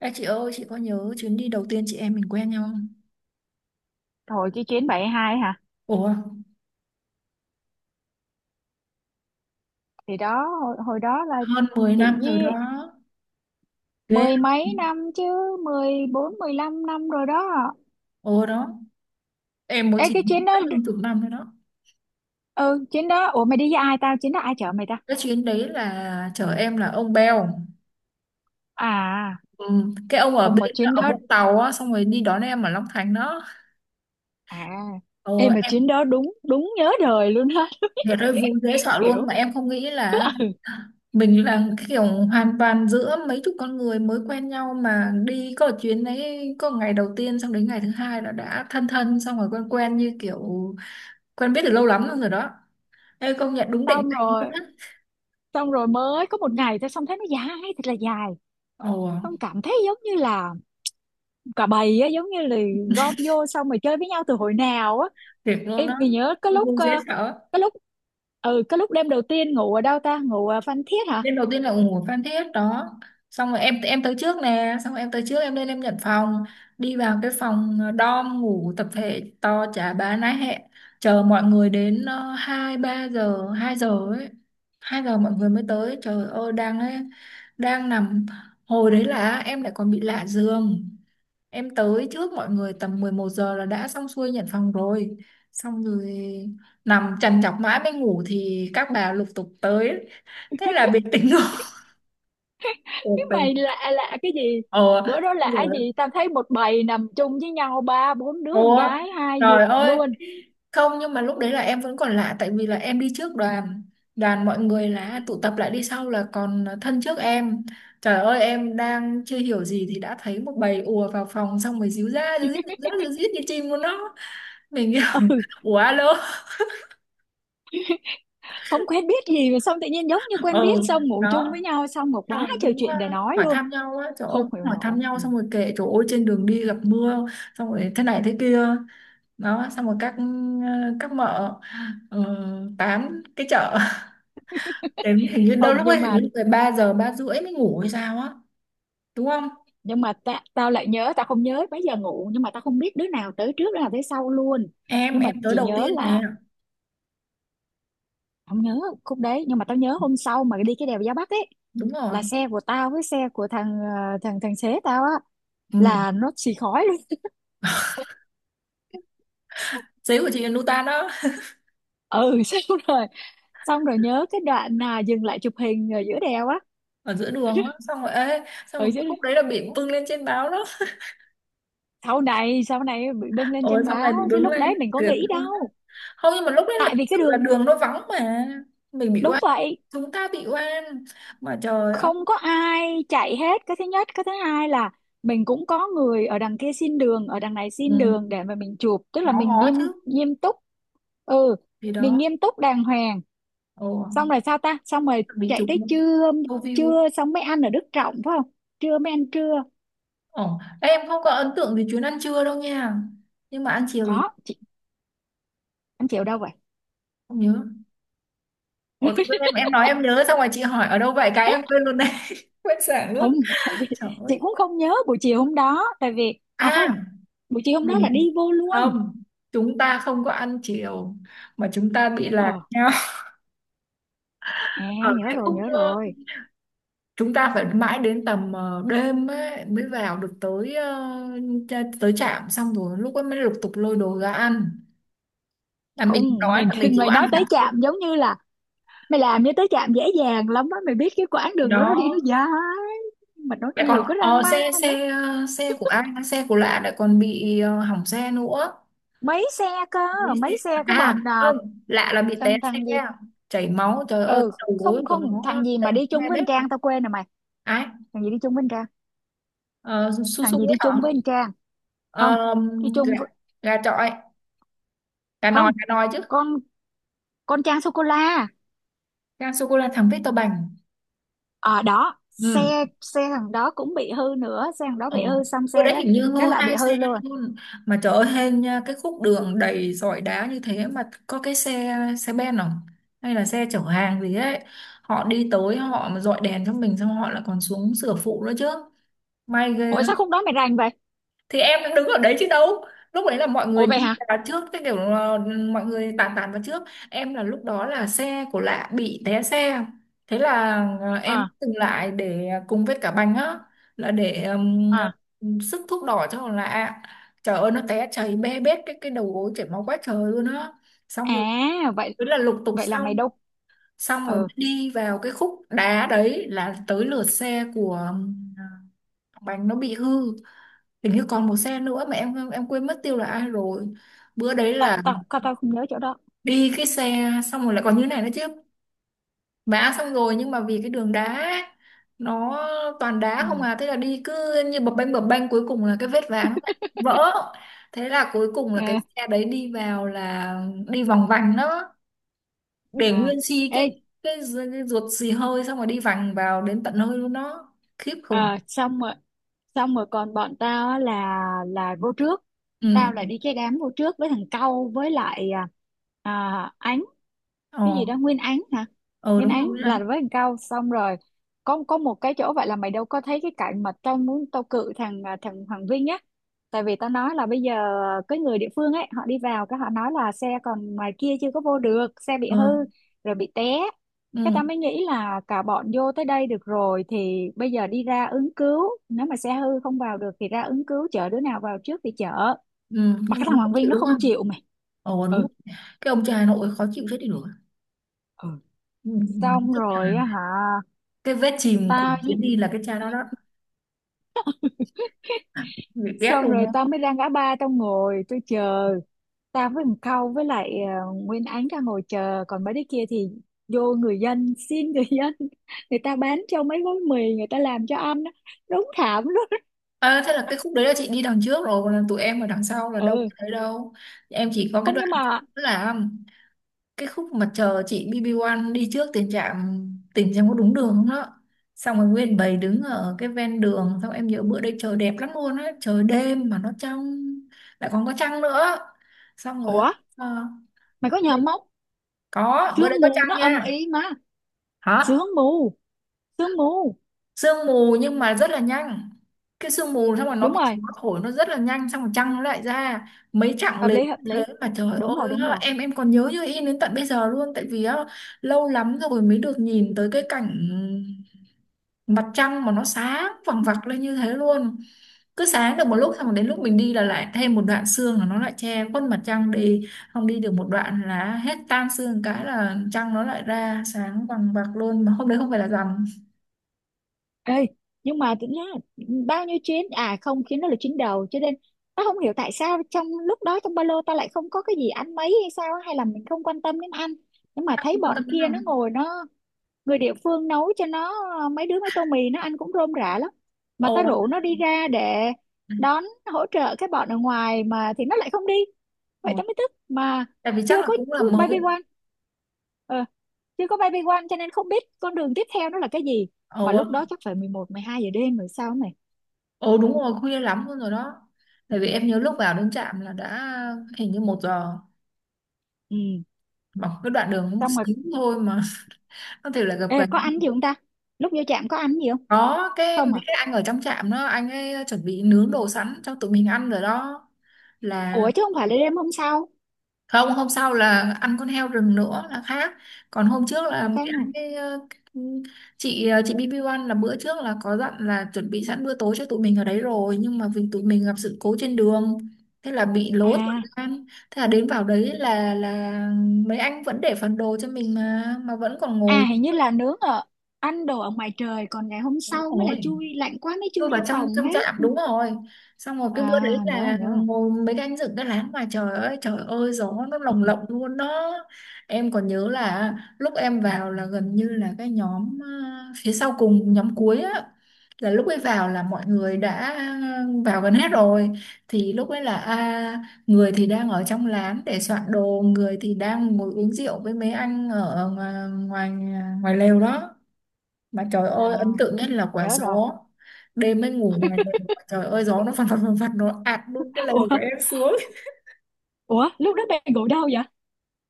Ê chị ơi, chị có nhớ chuyến đi đầu tiên chị em mình quen nhau không? Rồi. 72 hả? Ủa, Thì đó hồi đó là hơn 10 chị năm rồi với đó. Ghê mười mấy không? năm chứ, 14 15 năm rồi đó. Ồ đó, em mới Ê chỉ cái nhớ chuyến đó, hơn chục năm rồi đó. ừ chuyến đó. Ủa mày đi với ai? Tao chuyến đó ai chở mày ta? Cái chuyến đấy là chở em là ông Bèo. À Ừ, cái ông ở không, bên mà chuyến ở đó, Vũng Tàu á, xong rồi đi đón em ở Long Thành đó. à Ồ, em mà em. chuyến đó đúng đúng nhớ đời luôn á. Trời ơi vui dễ sợ luôn Kiểu mà em không nghĩ là mình là cái kiểu hoàn toàn giữa mấy chục con người mới quen nhau mà đi có chuyến đấy có ngày đầu tiên xong đến ngày thứ hai là đã thân thân xong rồi quen quen như kiểu quen biết từ lâu lắm rồi đó. Ê công nhận đúng định xong mệnh luôn rồi á. xong rồi mới có một ngày thôi, xong thấy nó dài thật là dài, Ồ, xong cảm thấy giống như là cả bầy á, giống như là gom vô xong rồi chơi với nhau từ hồi nào á. tuyệt luôn Em đó. thì nhớ cái lúc Vui dễ sợ. cái lúc, ừ cái lúc đêm đầu tiên ngủ ở đâu ta, ngủ ở Phan Thiết hả? Nên đầu tiên là ủng hộ Phan Thiết đó, xong rồi em tới trước nè, xong rồi em tới trước, em lên em nhận phòng, đi vào cái phòng dorm ngủ tập thể to chả bá nái hẹ, chờ mọi người đến 2, 3 giờ, 2 giờ ấy, 2 giờ mọi người mới tới. Trời ơi đang ấy, đang nằm, hồi đấy là em lại còn bị lạ giường. Em tới trước mọi người tầm 11 giờ là đã xong xuôi nhận phòng rồi, xong rồi nằm trằn trọc mãi mới ngủ thì các bà lục tục tới, thế là bị tỉnh. Cái Ồ, mình. mày lạ, lạ cái gì? Ờ, Bữa đó xong lạ rồi gì, tao thấy một bầy nằm chung với nhau, ba bốn đứa con ủa gái hai trời giường ơi, luôn. không, nhưng mà lúc đấy là em vẫn còn lạ tại vì là em đi trước đoàn, đoàn mọi người là tụ tập lại đi sau là còn thân trước em. Trời ơi em đang chưa hiểu gì thì đã thấy một bầy ùa vào phòng xong rồi díu ra díu dít díu ra díu dít như chim của nó, mình kiểu Ừ, ủa alo. không quen biết gì mà xong tự nhiên giống như quen biết, Ừ, xong ngủ chung đó, với nhau, xong một xong quá rồi trời cũng chuyện để nói hỏi luôn. thăm nhau á, trời ơi Không cũng hiểu hỏi thăm nổi, nhau ừ. xong rồi kể trời ơi trên đường đi gặp mưa xong rồi thế này thế kia. Đó xong rồi các các mợ ờ, tám cái chợ. Đến hình như đâu Không lúc nhưng ấy hình mà, như 13 giờ 3 rưỡi mới ngủ hay sao á, đúng không? nhưng mà tao lại nhớ, tao không nhớ mấy giờ ngủ nhưng mà tao không biết đứa nào tới trước đứa nào tới sau luôn. em Nhưng mà em tới chỉ đầu nhớ tiên nè. là, không nhớ khúc đấy nhưng mà tao nhớ hôm sau mà đi cái đèo Gia Bắc ấy, Đúng rồi. là xe của tao với xe của thằng thằng thằng xế tao á, Ừ. là nó xì khói luôn. Giấy của chị là Nutan đó. Ừ. Xong rồi, xong rồi nhớ cái đoạn là dừng lại chụp hình ở giữa đèo á. Ở giữa đường á, xong rồi ê xong Ừ rồi chứ, cái khúc đấy là bị bưng lên trên báo đó. sau này bị bưng lên Ôi trên xong này báo bị chứ bưng lúc lên đấy mình có thiệt nghĩ luôn á. đâu. Không nhưng mà lúc đấy là Tại thực vì cái sự là đường, đường nó vắng mà, mình bị đúng oan, vậy, chúng ta bị oan, mà trời ơi. không có ai chạy hết. Cái thứ nhất, cái thứ hai là mình cũng có người ở đằng kia xin đường, ở đằng này Ừ. xin đường để mà mình chụp, tức là Ngó mình ngó chứ nghiêm, nghiêm túc. Ừ, gì mình đó. nghiêm túc đàng hoàng. Ồ, Xong rồi sao ta, xong rồi bị chạy chụp tới luôn, trưa. câu view. Trưa xong mới ăn ở Đức Trọng phải không, trưa mới ăn trưa? Ồ, em không có ấn tượng về chuyến ăn trưa đâu nha. Nhưng mà ăn chiều thì Có chị, ăn chiều đâu vậy? không nhớ. Ồ, tự dưng em nói em nhớ, xong rồi chị hỏi ở đâu vậy, cái em quên luôn đấy. Quên sảng luôn. Không. Tại vì Trời chị ơi. cũng không nhớ buổi chiều hôm đó, tại vì à không, À, buổi chiều hôm đó là đi mình. vô luôn. Không. Chúng ta không có ăn chiều mà chúng ta bị lạc Ờ, nhau. à, Ở nhớ cái rồi, khúc nhớ rồi. chúng ta phải mãi đến tầm đêm ấy, mới vào được tới tới trạm, xong rồi lúc ấy mới lục tục lôi đồ ra ăn. Là mình Không đói mình, là mình chỉ có mày nói ăn tới hạt thôi. chạm giống như là, mày làm như tới trạm dễ dàng lắm á. Mày biết cái quãng Thì đường đó nó đi nó đó, dài, mà nó lại nhiều còn cái ờ, drama xe nữa. xe ờ, xe của ai xe của lạ lại còn bị hỏng xe nữa. Mấy xe cơ, Lấy mấy xe- xe, cái À bọn, không, lạ là bị té thằng, xe, thằng gì. chảy máu trời ơi Ừ cái đầu gối không của không, nó thằng gì mà đi chung be với bét anh Trang, luôn. tao quên rồi mày. Ai? Thằng gì đi chung với anh Trang, Ờ, su su thằng gì ấy đi hả? chung với anh Trang? Không, Ờ, đi gà, chung với, gà chọi, gà không, nòi, gà nòi chứ, con, con Trang sô cô la. gà sô cô la thắng Victor Bành. Ở đó xe, Ừ. xe thằng đó cũng bị hư nữa, xe thằng đó Ờ, bị hư, xong xe bữa đấy cái hình như cái ngơ là bị hai xe hư luôn. luôn. Mà trời ơi hên nha, cái khúc đường đầy sỏi đá như thế mà có cái xe xe ben không hay là xe chở hàng gì ấy, họ đi tới họ mà dọi đèn cho mình xong họ lại còn xuống sửa phụ nữa chứ, may ghê. Ủa sao khúc đó mày rành vậy? Thì em đang đứng ở đấy chứ đâu, lúc đấy là mọi người Ủa vậy đi hả? vào trước, cái kiểu là mọi người tàn tàn vào trước. Em là lúc đó là xe của lạ bị té xe, thế là em Ờ, dừng lại để cùng với cả bành á, là để ờ, à, sức thuốc đỏ cho con lạ. Trời ơi nó té chảy bê bết cái đầu gối, chảy máu quá trời luôn á. Xong rồi à vậy, thế là lục tục vậy là mày xong, đâu? xong rồi Ờ, đi vào cái khúc đá đấy là tới lượt xe của thằng Bành nó bị hư. Hình như còn một xe nữa mà em quên mất tiêu là ai rồi. Bữa đấy tao là tao tao tao không nhớ chỗ đó. đi cái xe xong rồi lại còn như này nữa chứ, mã xong rồi, nhưng mà vì cái đường đá nó toàn đá Ừ. không à, thế là đi cứ như bập bênh bập bênh, cuối cùng là cái vết ván nó lại vỡ. Thế là cuối cùng là cái À, xe đấy đi vào là đi vòng vành đó, để à. nguyên si Ê, cái ruột xì hơi, xong rồi đi vành vào đến tận hơi luôn đó, khiếp khủng. Xong rồi, xong rồi còn bọn tao á, là vô trước. Ừ. Tao là đi cái đám vô trước với thằng Câu với lại Ánh, cái Ờ. gì đó, Nguyên Án hả? Ờ Nguyên đúng rồi, Án đúng là rồi. với thằng Cao. Xong rồi có một cái chỗ, vậy là mày đâu có thấy cái cảnh mà tao muốn tao cự thằng thằng Hoàng Vinh á. Tại vì tao nói là bây giờ cái người địa phương ấy họ đi vào, cái họ nói là xe còn ngoài kia chưa có vô được, xe bị Ờ. hư rồi bị té. Cái Ừ. tao mới nghĩ là cả bọn vô tới đây được rồi thì bây giờ đi ra ứng cứu, nếu mà xe hư không vào được thì ra ứng cứu, chở đứa nào vào trước thì chở. Ừ. Mà Nhưng cái mà thằng nó không Hoàng Vinh chịu nó đúng không không? chịu mày. Ờ đúng Ừ, rồi. Cái ông cha Nội khó chịu chết đi được. ừ, Ừ, xong tức là rồi á hả. cái vết chìm của Tao với- chuyến đi là cái cha đó đó. À, bị ghét xong luôn rồi đó. tao mới ra ngã ba, tao ngồi tôi chờ. Tao với thằng Khâu với lại Nguyên Ánh ra ngồi chờ, còn mấy đứa kia thì vô người dân, xin người dân. Người ta bán cho mấy gói mì, người ta làm cho ăn á. Đúng thảm luôn. À, thế là cái khúc đấy là chị đi đằng trước rồi, còn là tụi em ở đằng sau là đâu có Ừ, thấy đâu. Em chỉ có cái không đoạn nhưng mà, là cái khúc mà chờ chị BB1 đi trước tiền trạm, tỉnh xem có đúng đường không đó. Xong rồi nguyên bầy đứng ở cái ven đường, xong em nhớ bữa đấy trời đẹp lắm luôn á, trời đêm mà nó trong, lại còn có trăng nữa. Xong rồi ủa ờ, mày có nhầm không? có bữa Sương đấy có mù nó trăng âm nha. ý mà, Hả? sương mù, sương mù. Sương mù nhưng mà rất là nhanh, cái sương mù xong rồi nó Đúng bị rồi, gió thổi nó rất là nhanh xong rồi trăng nó lại ra mấy chặng hợp liền. lý, hợp Thế lý. mà trời Đúng rồi, ơi đúng nó- rồi. em còn nhớ như in đến tận bây giờ luôn, tại vì á, lâu lắm rồi mới được nhìn tới cái cảnh mặt trăng mà nó sáng vằng vặc lên như thế luôn, cứ sáng được một lúc xong rồi đến lúc mình đi là lại thêm một đoạn sương là nó lại che khuất mặt trăng đi, không đi được một đoạn là hết tan sương, cái là trăng nó lại ra sáng vằng vặc luôn, mà hôm đấy không phải là rằm. Ê, nhưng mà tính ra bao nhiêu chuyến, à không, chuyến đó là chuyến đầu cho nên tao không hiểu tại sao trong lúc đó trong ba lô tao lại không có cái gì ăn mấy hay sao á, hay là mình không quan tâm đến ăn. Nhưng mà Bạn thấy quan bọn tâm đến kia nó rằm. ngồi, nó người địa phương nấu cho nó mấy đứa mấy tô mì, nó ăn cũng rôm rả lắm. Mà ta Ồ. rủ nó đi ra để đón, hỗ trợ cái bọn ở ngoài mà thì nó lại không đi, Ồ, vậy ta mới tức mà. tại vì chắc Chưa là có cũng là cứ baby mới. one, ờ, chưa có baby one cho nên không biết con đường tiếp theo nó là cái gì. Mà lúc Ồ. đó chắc phải 11 12 giờ đêm rồi sao này. Ồ đúng rồi, khuya lắm luôn rồi đó. Tại Ừ. vì em nhớ lúc vào đến trạm là đã hình như 1 giờ. Ừ. Bằng cái đoạn đường một Xong rồi xíu thôi mà. Có thể là gặp ê, gần. có ăn gì không ta, lúc vô trạm có ăn gì không? Có cái mấy Không hả? cái anh ở trong trạm đó, anh ấy chuẩn bị nướng đồ sẵn cho tụi mình ăn rồi đó, là Ủa chứ không phải là đêm hôm sau, không, hôm sau là ăn con heo rừng nữa là khác, còn hôm trước là ở mới khác ăn nào? cái, cái chị BB1 là bữa trước là có dặn là chuẩn bị sẵn bữa tối cho tụi mình ở đấy rồi, nhưng mà vì tụi mình gặp sự cố trên đường thế là bị lố thời À, gian, thế là đến vào đấy là mấy anh vẫn để phần đồ cho mình mà vẫn còn ngồi. à hình như là nướng ở, ăn đồ ở ngoài trời, còn ngày hôm Đúng sau mới là rồi, chui lạnh quá mới tôi chui vào vô trong phòng trong chợ ẩm, hết. đúng rồi, xong rồi À cái bữa đấy nhớ rồi, là nhớ rồi. ngồi mấy cái anh dựng cái lán ngoài trời, ơi trời ơi gió nó lồng lộng luôn đó. Em còn nhớ là lúc em vào là gần như là cái nhóm phía sau cùng, nhóm cuối á, là lúc ấy vào là mọi người đã vào gần hết rồi, thì lúc ấy là người thì đang ở trong lán để soạn đồ, người thì đang ngồi uống rượu với mấy anh ở ngoài, ngoài lều đó. Mà trời À ơi ấn tượng nhất là quả nhớ rồi. gió. Đêm mới ngủ ngoài lều mà trời ơi gió nó phật phật phật phật, nó ạt luôn cái lều của Ủa, em xuống. ủa lúc đó bạn ngủ đâu vậy?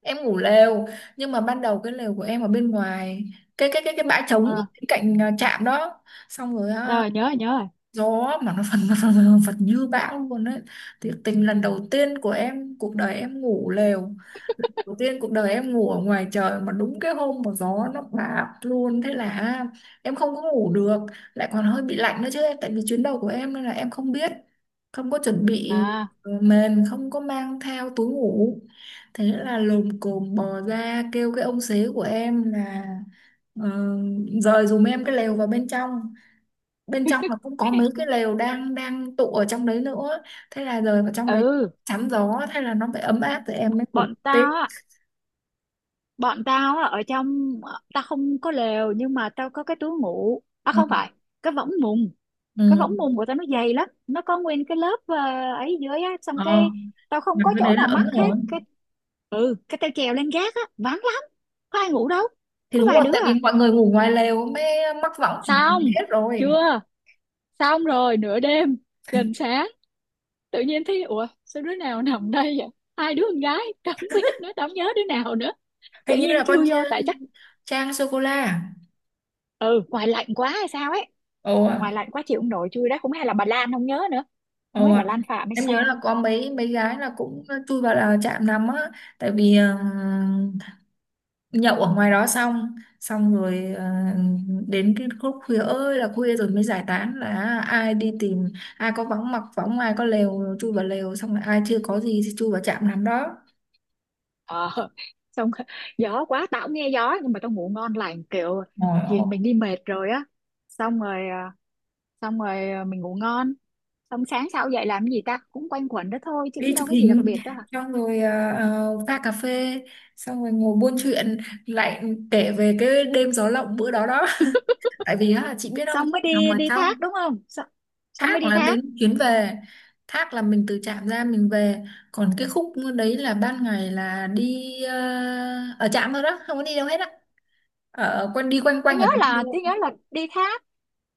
Em ngủ lều, nhưng mà ban đầu cái lều của em ở bên ngoài, cái bãi trống À bên cạnh trạm đó. Xong rồi rồi, nhớ rồi, nhớ rồi. gió mà nó phần phần phật phật như bão luôn đấy, thiệt tình lần đầu tiên của em cuộc đời em ngủ lều, lần đầu tiên cuộc đời em ngủ ở ngoài trời mà đúng cái hôm mà gió nó bạt luôn, thế là em không có ngủ được, lại còn hơi bị lạnh nữa chứ em, tại vì chuyến đầu của em nên là em không biết, không có chuẩn bị À. Mền, không có mang theo túi ngủ. Thế là lồm cồm bò ra kêu cái ông xế của em là ờ, dời giùm em cái lều vào bên trong, bên trong là cũng có mấy cái lều đang đang tụ ở trong đấy nữa, thế là rời vào trong đấy Ừ, chắn gió, thế là nó phải ấm áp rồi em mới ngủ bọn tiếp. tao á bọn tao á ở trong tao không có lều nhưng mà tao có cái túi ngủ. À Ừ. không phải, cái võng mùng. Cái Ừ. võng mùng của tao nó dày lắm, nó có nguyên cái lớp ấy dưới á. Xong Ờ, cái tao không mà có cái chỗ đấy là nào ấm mắc hết. rồi. Cái ừ, cái tao trèo lên gác á, vắng lắm, có ai ngủ đâu, Thì có đúng vài rồi, đứa tại vì à. mọi người ngủ ngoài lều mới mắc võng ở Xong ngoài hết rồi. chưa, xong rồi nửa đêm gần sáng, tự nhiên thấy ủa sao đứa nào nằm đây vậy, hai đứa con gái. Tao không biết nữa, tao không nhớ đứa nào nữa, tự Hình như nhiên là con chui vô, Ch-, tại chắc Trang sô cô la à? ừ ngoài lạnh quá hay sao ấy. Ồ à. Ngoài lạnh quá chịu không nổi chui đó, cũng hay là bà Lan, không nhớ nữa, không biết Ồ bà à. Lan Phạm hay Em nhớ là sao. có mấy mấy gái là cũng chui vào là chạm nằm á, tại vì nhậu ở ngoài đó xong, xong rồi đến cái khúc khuya ơi là khuya rồi mới giải tán, là ai đi tìm ai có vắng mặc võng, ai có lều chui vào lều, xong rồi ai chưa có gì thì chui vào trạm nằm đó. Ờ, xong. Gió quá, tao cũng nghe gió nhưng mà tao ngủ ngon lành kiểu, Ngồi vì ô, mình đi mệt rồi á. Xong rồi xong rồi mình ngủ ngon. Xong sáng sau dậy làm cái gì ta, cũng quanh quẩn đó thôi chứ cũng đi chụp đâu có gì đặc hình biệt đó hả. xong rồi pha cà phê xong rồi ngồi buôn chuyện lại, kể về cái đêm gió lộng bữa đó đó. Tại vì á, chị biết không, Xong mới nằm đi, ở đi thác trong. đúng không, xong, xong mới Thác đi là đến thác. chuyến về, thác là mình từ trạm ra mình về, còn cái khúc đấy là ban ngày là đi ở trạm thôi đó, không có đi đâu hết á, ở quanh đi quanh Tôi quanh ở nhớ đấy là mua. tôi nhớ là đi thác,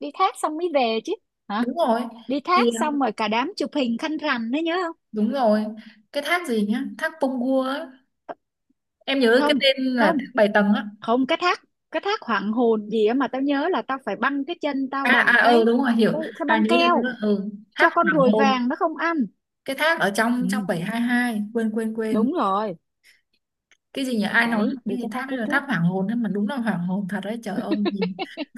đi thác xong mới về chứ, hả? Đúng rồi. Đi Thì thác xong rồi cả đám chụp hình khăn rằn đấy, nhớ không? đúng rồi. Cái thác gì nhá, thác Pông á, em nhớ cái Không, tên là không, thác Bảy Tầng á. không cái thác, cái thác hoàng hồn gì á mà tao nhớ là tao phải băng cái chân tao À bằng à ừ cái, đúng rồi hiểu. cái À băng nhớ nhớ keo nhớ. Ừ, thác cho con Hoàng ruồi Hôn. vàng nó không ăn. Cái thác ở trong trong Ừ, 722 quên quên quên, đúng rồi, cái gì nhỉ, ai nói đấy đi cái gì, cái thác thác đấy lúc là thác trước. Hoàng Hôn ấy, mà đúng là Hoàng Hôn thật đấy, trời ơi nhìn,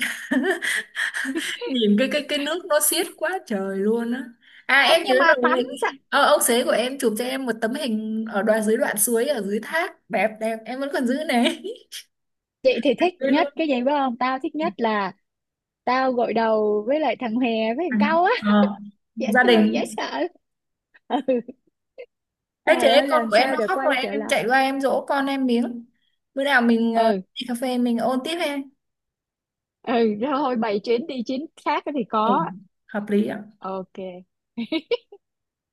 nhìn cái nước nó xiết quá trời luôn á. À Không em nhớ nhưng mà tắm rồi, sạch. Ông xế của em chụp cho em một tấm hình ở đoạn dưới, đoạn suối ở dưới thác đẹp đẹp em vẫn còn giữ này. Chị thì thích Đấy nhất luôn. cái gì biết không, tao thích nhất là tao gội đầu với lại thằng Hè với À, thằng Cau á, ờ, dễ gia thương đình. dễ sợ. Ừ. Ấy Trời thế ơi con làm của em sao nó để khóc rồi, quay em, trở em lại. chạy qua em dỗ con em miếng. Bữa nào mình Ừ, đi cà phê mình ôn tiếp em. ừ. Thôi bày chuyến đi chuyến khác thì Ừ, có. hợp lý ạ. OK.